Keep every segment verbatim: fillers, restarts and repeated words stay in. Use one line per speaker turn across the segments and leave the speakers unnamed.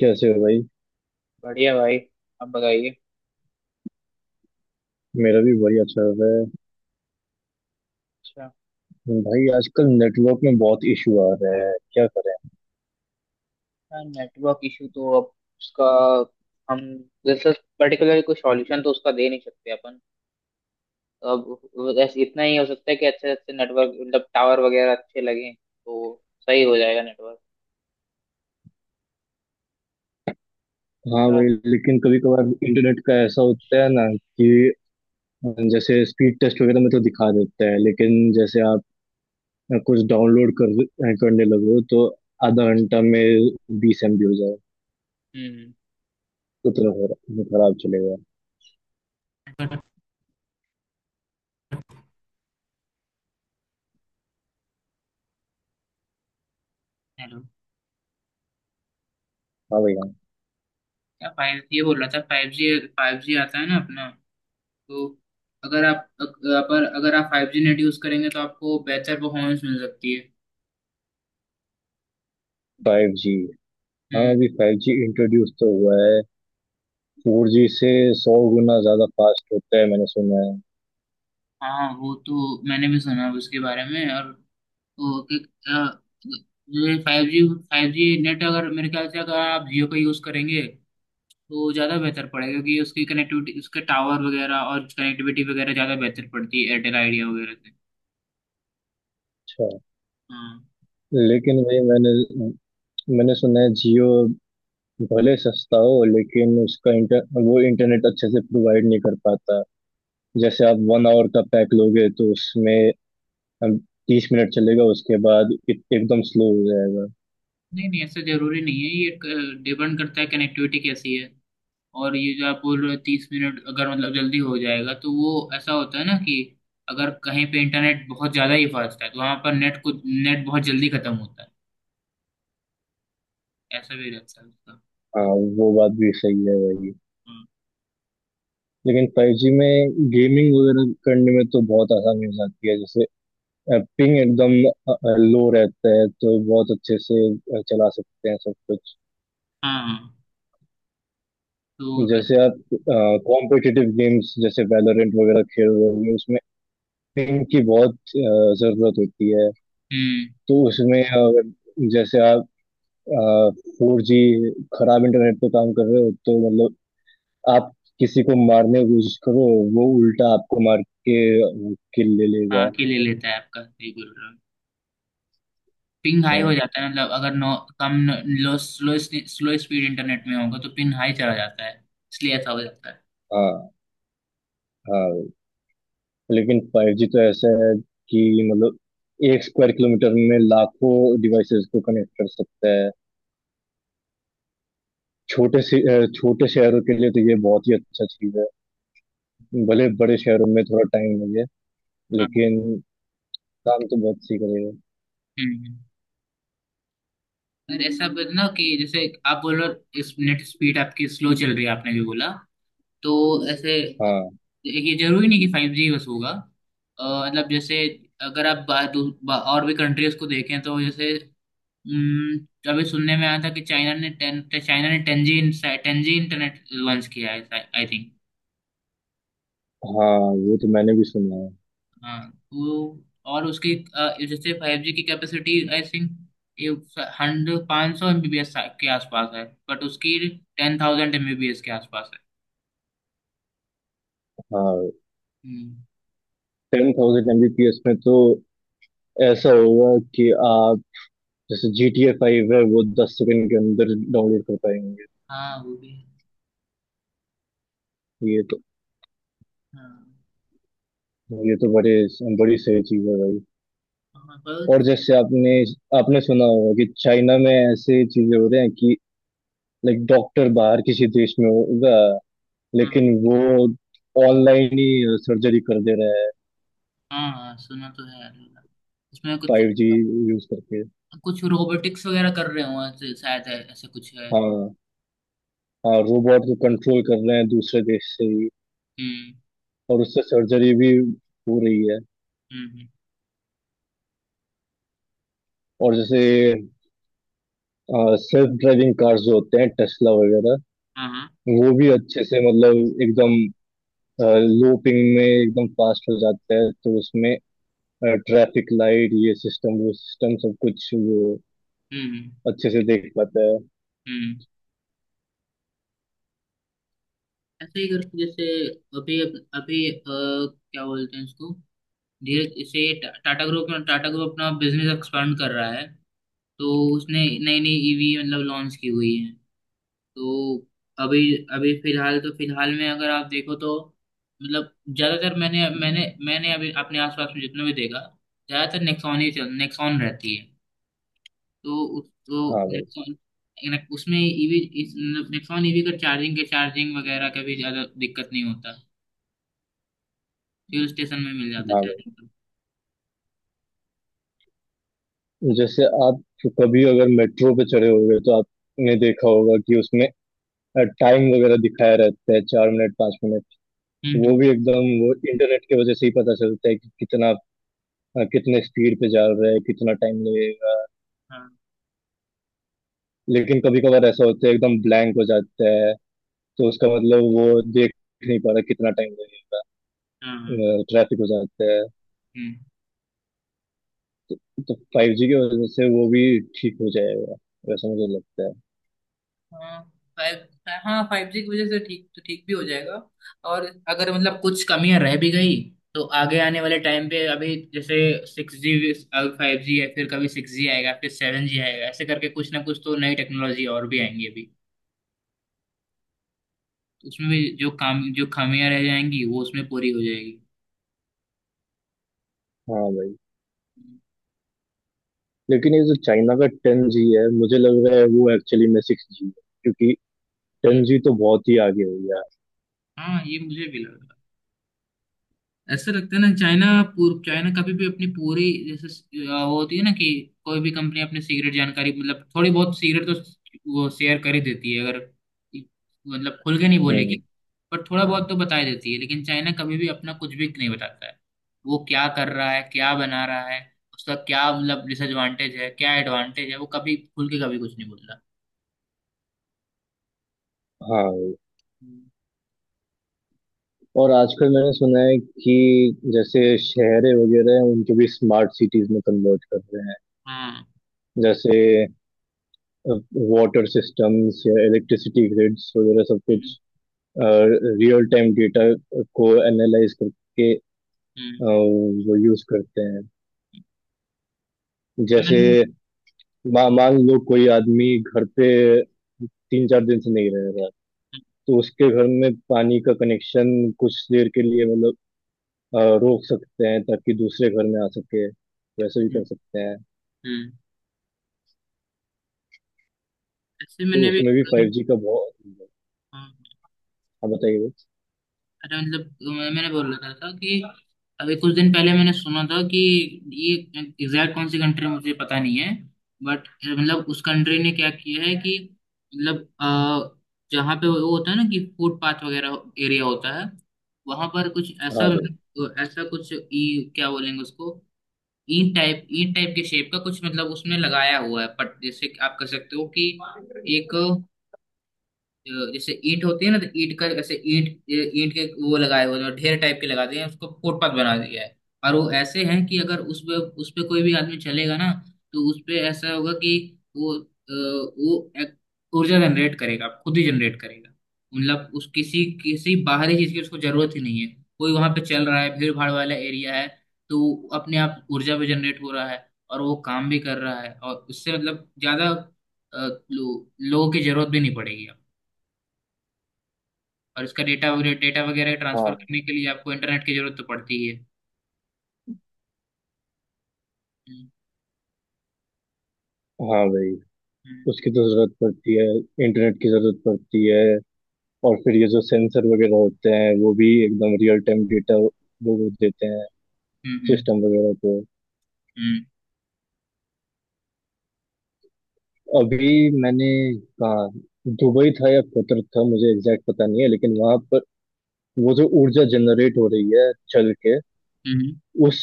कैसे हो भाई?
बढ़िया भाई। आप बताइए।
मेरा भी बढ़िया चल रहा है।
अच्छा।
भाई आजकल नेटवर्क में बहुत इशू आ रहा है, क्या करें?
यार, नेटवर्क इशू तो अब, उसका, हम, जैसे, पर्टिकुलर कोई सॉल्यूशन तो उसका दे नहीं सकते अपन। अब बस इतना ही हो सकता है कि अच्छे अच्छे नेटवर्क मतलब टावर वगैरह अच्छे लगे तो सही हो जाएगा नेटवर्क।
हाँ
अच्छा
भाई।
आप-
लेकिन कभी कभार इंटरनेट का ऐसा होता है ना कि जैसे स्पीड टेस्ट वगैरह में तो दिखा देता है, लेकिन जैसे आप कुछ डाउनलोड कर करने लगो तो आधा घंटा में बीस एमबी हो जाए।
हम्म।
उतना खरा- खराब चलेगा।
हेलो।
हाँ भाई, हाँ।
क्या फाइव, ये बोल रहा था फाइव जी, फाइव जी आता है ना अपना। तो अगर आप, अगर अगर आप फाइव जी नेट यूज करेंगे तो आपको बेहतर परफॉर्मेंस मिल सकती है।
Five G? हाँ
हम्म।
अभी फाइव जी इंट्रोड्यूस तो हुआ है। फोर जी से सौ गुना ज्यादा फास्ट होता है, मैंने सुना है।
हाँ वो तो मैंने भी सुना उसके बारे में। और वो कि अ, ये five G, five G net अगर मेरे ख्याल से अगर आप जियो का यूज़ करेंगे तो ज़्यादा बेहतर पड़ेगा क्योंकि उसकी कनेक्टिविटी, उसके टावर वगैरह और कनेक्टिविटी वगैरह ज़्यादा बेहतर पड़ती है एयरटेल आइडिया वगैरह से।
अच्छा।
हाँ।
लेकिन भाई मैंने मैंने सुना है जियो भले सस्ता हो लेकिन उसका इंटर वो इंटरनेट अच्छे से प्रोवाइड नहीं कर पाता। जैसे आप वन आवर का पैक लोगे तो उसमें तीस मिनट चलेगा, उसके बाद एक- एकदम स्लो हो जाएगा।
नहीं नहीं, ऐसा ज़रूरी नहीं है। ये डिपेंड करता है कनेक्टिविटी कैसी है। और ये जो आप बोल रहे हो तीस मिनट, अगर मतलब जल्दी हो जाएगा, तो वो ऐसा होता है ना कि अगर कहीं पे इंटरनेट बहुत ज़्यादा ही फास्ट है तो वहाँ पर नेट को, नेट बहुत जल्दी खत्म होता है। ऐसा भी रहता है उसका।
हाँ, वो बात भी सही है भाई।
हम्म,
लेकिन फाइव जी में गेमिंग वगैरह करने में तो बहुत आसानी हो जाती है, जैसे पिंग एकदम लो रहता है तो बहुत अच्छे से अ, चला सकते हैं सब कुछ।
हाँ तो
जैसे आप कॉम्पिटिटिव गेम्स जैसे वैलोरेंट वगैरह खेल रहे होंगे, उसमें पिंग की बहुत अ, जरूरत होती है।
हम्म।
तो उसमें अगर जैसे आप फोर जी खराब इंटरनेट पे काम कर रहे हो तो मतलब आप किसी को मारने की कोशिश करो, वो उल्टा आपको मार के किल ले लेगा।
हाँ के ले लेता है आपका, सही बोल रहे हो। पिंग हाई हो
हाँ,
जाता है, मतलब अगर नो, कम, low, slow slow speed internet में होगा तो पिंग हाई चला जाता है। इसलिए ऐसा हो जाता है।
हाँ, हाँ। लेकिन फाइव जी तो ऐसा है कि मतलब एक स्क्वायर किलोमीटर में लाखों डिवाइसेस को कनेक्ट कर सकता है। छोटे से अ, छोटे शहरों के लिए तो ये बहुत ही अच्छा चीज है। भले बड़े शहरों में थोड़ा टाइम लगे,
हाँ।
लेकिन काम तो बहुत सी करेगा।
हम्म। और ऐसा बना कि जैसे आप बोल रहे हो, इस नेट स्पीड आपकी स्लो चल रही है, आपने भी बोला। तो ऐसे,
हाँ,
ये जरूरी नहीं कि फाइव जी बस होगा। अ, मतलब जैसे, अगर आप बा, दू- बा, और भी कंट्रीज को देखें तो जैसे हम्म, अभी सुनने में आया था कि चाइना ने टेन चाइना ने टेंजी, टेंजी इंटरनेट लॉन्च किया है, आई थिंक।
हाँ, वो तो मैंने भी सुना है।
हाँ। वो, और उसकी अ, जैसे फाइव जी की कैपेसिटी आई थिंक ये हंड्रेड, पाँच सौ एमबीबीएस के आसपास है। बट उसकी टेन थाउजेंड एमबीबीएस के आसपास है।
हाँ,
हम्म।
टेन थाउजेंड एमबीपीएस में तो ऐसा होगा कि आप जैसे जी टी ए फाइव है वो दस सेकंड के अंदर डाउनलोड कर पाएंगे।
हाँ वो भी है।
ये तो
हाँ।
ये तो बड़े बड़ी सही चीज है भाई।
हाँ
और
बस।
जैसे आपने आपने सुना होगा कि चाइना में ऐसे चीजें हो रहे हैं कि लाइक डॉक्टर बाहर किसी देश में होगा,
हाँ
लेकिन वो ऑनलाइन ही सर्जरी कर दे रहा है,
हाँ, हाँ, सुना तो है यार। इसमें कुछ,
फाइव जी यूज करके।
कुछ रोबोटिक्स वगैरह कर रहे हो शायद, है ऐसा कुछ है।
हाँ, हाँ, रोबोट को कंट्रोल कर रहे हैं दूसरे देश से ही।
हम्म।
और उससे सर्जरी भी हो रही है।
हम्म। हम्म,
और जैसे सेल्फ ड्राइविंग कार्स जो होते हैं, टेस्ला वगैरह,
हाँ।
वो भी अच्छे से मतलब एकदम लो पिंग में एकदम फास्ट हो जाता है, तो उसमें ट्रैफिक लाइट, ये सिस्टम वो सिस्टम, सब कुछ वो
हम्म।
अच्छे से देख पाता है।
हम्म। ऐसे ही करके जैसे अभी, अभी अ, क्या बोलते हैं इसको, धीरे जैसे टा- टाटा ग्रुप में, टाटा ग्रुप अपना बिजनेस एक्सपांड कर रहा है। तो उसने नई नई ईवी, मतलब, लॉन्च की हुई है। तो अभी, अभी फिलहाल तो, फिलहाल में अगर आप देखो तो मतलब ज्यादातर, मैंने मैंने मैंने अभी अपने आसपास में जितना भी देखा, ज्यादातर नेक्सॉन ही चल, नेक्सॉन रहती है। तो उस, तो
हाँ भाई,
नेक्सॉन, नेक- उसमें ईवी इस, नेक्सॉन ईवी का चार्जिंग के, चार्जिंग वगैरह का भी ज्यादा दिक्कत नहीं होता। फ्यूल स्टेशन में मिल जाता है
हाँ भाई।
चार्जिंग तो।
जैसे आप कभी अगर मेट्रो पे चढ़े होंगे तो आपने देखा होगा कि उसमें टाइम वगैरह दिखाया रहता है, चार मिनट पाँच मिनट।
हम्म।
वो
हम्म,
भी एकदम, वो इंटरनेट की वजह से ही पता चलता है कि कितना अ, कितने स्पीड पे जा रहा है, कितना टाइम लगेगा।
हाँ।
लेकिन कभी कभार ऐसा होता है एकदम ब्लैंक हो जाता है, तो उसका मतलब वो देख नहीं पा रहा कितना टाइम लगेगा।
हाँ, हाँ।
ट्रैफिक हो जाता है।
हम्म,
तो फाइव जी की वजह से वो भी ठीक हो जाएगा, वैसा मुझे लगता है।
हाँ फाइव, हाँ फाइव जी की वजह से ठीक, तो ठीक भी हो जाएगा। और अगर मतलब कुछ कमियां रह भी गई तो आगे आने वाले टाइम पे, अभी जैसे सिक्स जी, अब फाइव जी है, फिर कभी सिक्स जी आएगा, फिर सेवन जी आएगा, ऐसे करके कुछ ना कुछ तो नई टेक्नोलॉजी और भी आएंगी अभी। उसमें भी जो काम, जो खामियां रह जाएंगी, वो उसमें पूरी हो जाएगी।
हाँ भाई। लेकिन ये जो चाइना का टेन जी है, मुझे लग रहा है वो एक्चुअली में सिक्स जी है, क्योंकि टेन
हम्म।
जी तो बहुत ही आगे हो गया
हाँ, ये मुझे भी लगा। ऐसा लगता है ना चाइना, पूर्व चाइना कभी भी अपनी पूरी जैसे अ, वो होती है ना कि कोई भी कंपनी अपनी सीक्रेट जानकारी, मतलब थोड़ी बहुत सीक्रेट तो वो शेयर कर ही देती है। अगर मतलब खुल के नहीं
है।
बोलेगी,
हम्म।
पर थोड़ा बहुत तो बता ही देती है। लेकिन चाइना कभी भी अपना कुछ भी नहीं बताता है, वो क्या कर रहा है, क्या बना रहा है, उसका क्या मतलब डिसएडवांटेज है, क्या एडवांटेज है। वो कभी खुल के, कभी कुछ नहीं बोलता।
हाँ।
हम्म।
और आजकल मैंने सुना है कि जैसे शहरें वगैरह हैं उनको भी स्मार्ट सिटीज में कन्वर्ट कर रहे हैं।
हाँ।
जैसे वाटर सिस्टम्स या इलेक्ट्रिसिटी ग्रिड्स वगैरह, सब कुछ
हम्म,
रियल टाइम डेटा को एनालाइज करके अ,
हम्म।
वो यूज करते हैं। जैसे
मैंने।
मा, मान लो कोई आदमी घर पे तीन चार दिन से नहीं रह रहा है, तो उसके घर में पानी का कनेक्शन कुछ देर के लिए मतलब अ, रोक सकते हैं, ताकि दूसरे घर में आ सके। वैसे भी
हम्म,
कर सकते हैं।
हम्म। ऐसे
तो
मैंने भी।
उसमें भी फाइव जी का बहुत।
हाँ।
हाँ बताइए भाई।
अरे मतलब मैं- मैंने बोल रहा था कि अभी कुछ दिन पहले मैंने सुना था कि ये एग्जैक्ट कौन सी कंट्री है, मुझे पता नहीं है। बट मतलब उस कंट्री ने क्या किया है कि, मतलब अ, जहाँ पे वो होता है ना कि फुटपाथ वगैरह एरिया होता है, वहां पर कुछ ऐसा,
हाँ भाई,
ऐसा कुछ, ई क्या बोलेंगे उसको, ईंट टाइप, ईंट टाइप के शेप का कुछ, मतलब उसमें लगाया हुआ है, पट जैसे कि आप कह सकते हो कि एक, जो जैसे ईंट होती है ना, तो ईंट का ऐसे ईंट, ईंट के वो लगाए हुए जो ढेर टाइप के लगाते हैं, उसको फुटपाथ बना दिया है। और वो ऐसे हैं कि अगर उस पे, उस पे कोई भी आदमी चलेगा ना, तो उस पे ऐसा होगा कि वो, अ, वो एक ऊर्जा जनरेट करेगा, खुद ही जनरेट करेगा। मतलब उस, किसी किसी बाहरी चीज की उसको जरूरत ही नहीं है। कोई वहां पे चल रहा है, भीड़ भाड़ वाला एरिया है, तो वो अपने आप ऊर्जा भी जनरेट हो रहा है, और वो काम भी कर रहा है, और उससे मतलब ज्यादा अ, लो, लोगों की जरूरत भी नहीं पड़ेगी। और इसका डेटा वगैरह, डेटा वगैरह ट्रांसफर
हाँ,
करने के लिए आपको इंटरनेट की जरूरत तो पड़ती ही है। हम्म।
हाँ भाई।
हम्म।
उसकी तो जरूरत पड़ती है, इंटरनेट की जरूरत पड़ती है। और फिर ये जो सेंसर वगैरह होते हैं वो भी एकदम रियल टाइम डेटा, वो वो देते हैं
हम्म।
सिस्टम वगैरह को।
हम्म।
अभी मैंने कहा दुबई था या कतर था, मुझे एग्जैक्ट पता नहीं है, लेकिन वहां पर वो जो ऊर्जा जनरेट हो रही है चल के,
हम्म,
उस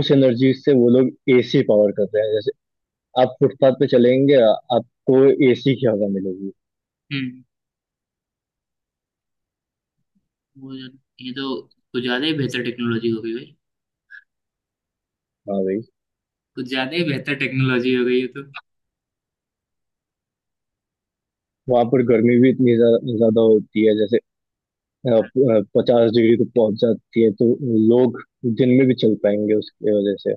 उस एनर्जी से वो लोग एसी पावर कर रहे हैं। जैसे आप फुटपाथ पे चलेंगे आ- आपको एसी की हवा मिलेगी।
हम्म, वो ये तो कुछ ज्यादा ही बेहतर टेक्नोलॉजी हो गई भाई।
हाँ भाई।
कुछ ज्यादा ही बेहतर टेक्नोलॉजी हो गई है तो।
वहां पर गर्मी भी इतनी ज्या- ज्यादा होती है, जैसे पचास डिग्री तक पहुंच जाती है, तो लोग दिन में भी चल पाएंगे उसकी वजह से।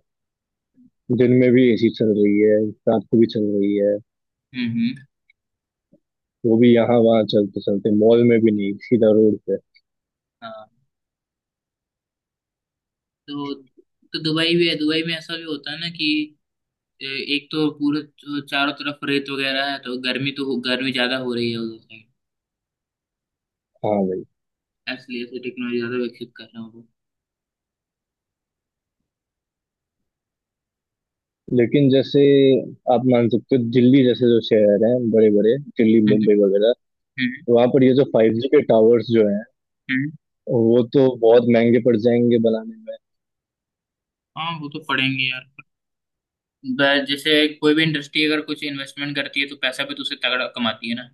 दिन में भी एसी चल रही है, रात को भी चल रही है।
हम्म। हम्म,
वो भी यहाँ वहाँ चलते चलते, मॉल में भी नहीं, सीधा रोड पे।
हाँ। तो तो दुबई भी है, दुबई में ऐसा भी होता है ना कि ए, एक तो पूरे च- चारों तरफ रेत वगैरह है तो गर्मी तो हो- गर्मी ज्यादा हो रही है उधर साइड।
हाँ भाई।
इसलिए ऐसे टेक्नोलॉजी ज्यादा विकसित कर रहे हैं वो।
लेकिन जैसे आप मान सकते हो दिल्ली जैसे जो शहर हैं, बड़े बड़े दिल्ली
हम्म।
मुंबई वगैरह,
हम्म,
वहां पर ये जो फाइव जी के टावर्स जो हैं,
हम्म।
वो तो बहुत महंगे पड़ जाएंगे बनाने में।
हाँ, वो तो पड़ेंगे यार। ब- जैसे कोई भी इंडस्ट्री अगर कुछ इन्वेस्टमेंट करती है तो पैसा भी तो उसे तगड़ा कमाती है ना।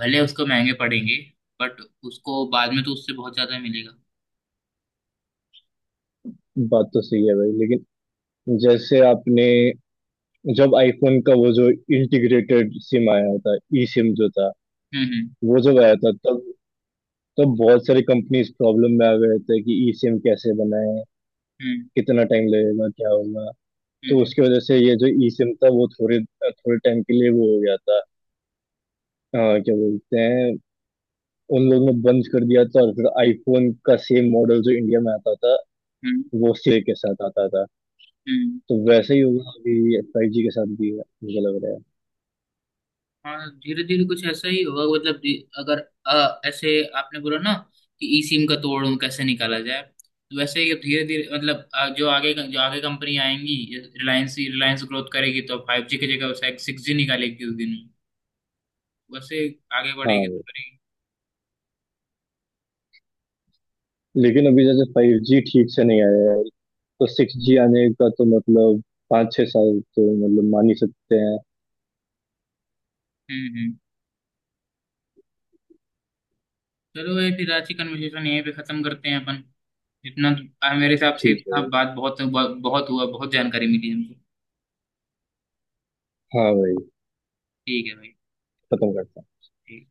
भले उसको महंगे पड़ेंगे, बट उसको बाद में तो उससे बहुत ज्यादा मिलेगा।
बात तो सही है भाई, लेकिन जैसे आपने जब आईफोन का वो जो इंटीग्रेटेड सिम आया था, ई सिम जो था,
हम्म।
वो जब आया था, तब तब बहुत सारी कंपनीज प्रॉब्लम में आ गए थे कि ई सिम कैसे बनाएं,
हम्म।
कितना टाइम लगेगा, क्या होगा। तो
हम्म। हम्म।
उसकी वजह से ये जो ई सिम था वो थोड़े थोड़े टाइम के लिए वो हो गया था। अ, क्या बोलते हैं, उन लोगों ने बंद कर दिया था। और फिर आईफोन का सेम मॉडल जो इंडिया में आता था
हम्म।
वो सेल के साथ आता था।
हम्म।
तो वैसे ही होगा अभी, फाइव जी के साथ भी है, मुझे लग रहा है।
हाँ, धीरे धीरे कुछ ऐसा ही होगा मतलब धी- अगर अ, ऐसे आपने बोला ना कि ई सिम का तोड़ कैसे निकाला जाए, तो वैसे ही धीरे धीरे मतलब अ, जो आगे जो आगे कंपनी आएंगी, रिलायंस, रिलायंस ग्रोथ करेगी तो फाइव जी की जगह सिक्स जी निकालेगी उस दिन में। वैसे, आगे
हाँ।
बढ़ेगी तो
वो,
करेगी।
लेकिन अभी जैसे फाइव जी ठीक से नहीं आया है, तो सिक्स जी आने का तो मतलब पाँच छः साल तो मतलब मान ही सकते हैं।
हम्म। हम्म। चलो, ये फिर आज की कन्वर्सेशन यहीं पे खत्म करते हैं अपन। इतना आ, मेरे हिसाब से
ठीक है
इतना
भाई।
बात बहुत, बहुत हुआ। बहुत जानकारी मिली हमको।
हाँ भाई।
ठीक है भाई।
खत्म करते हैं।
ठीक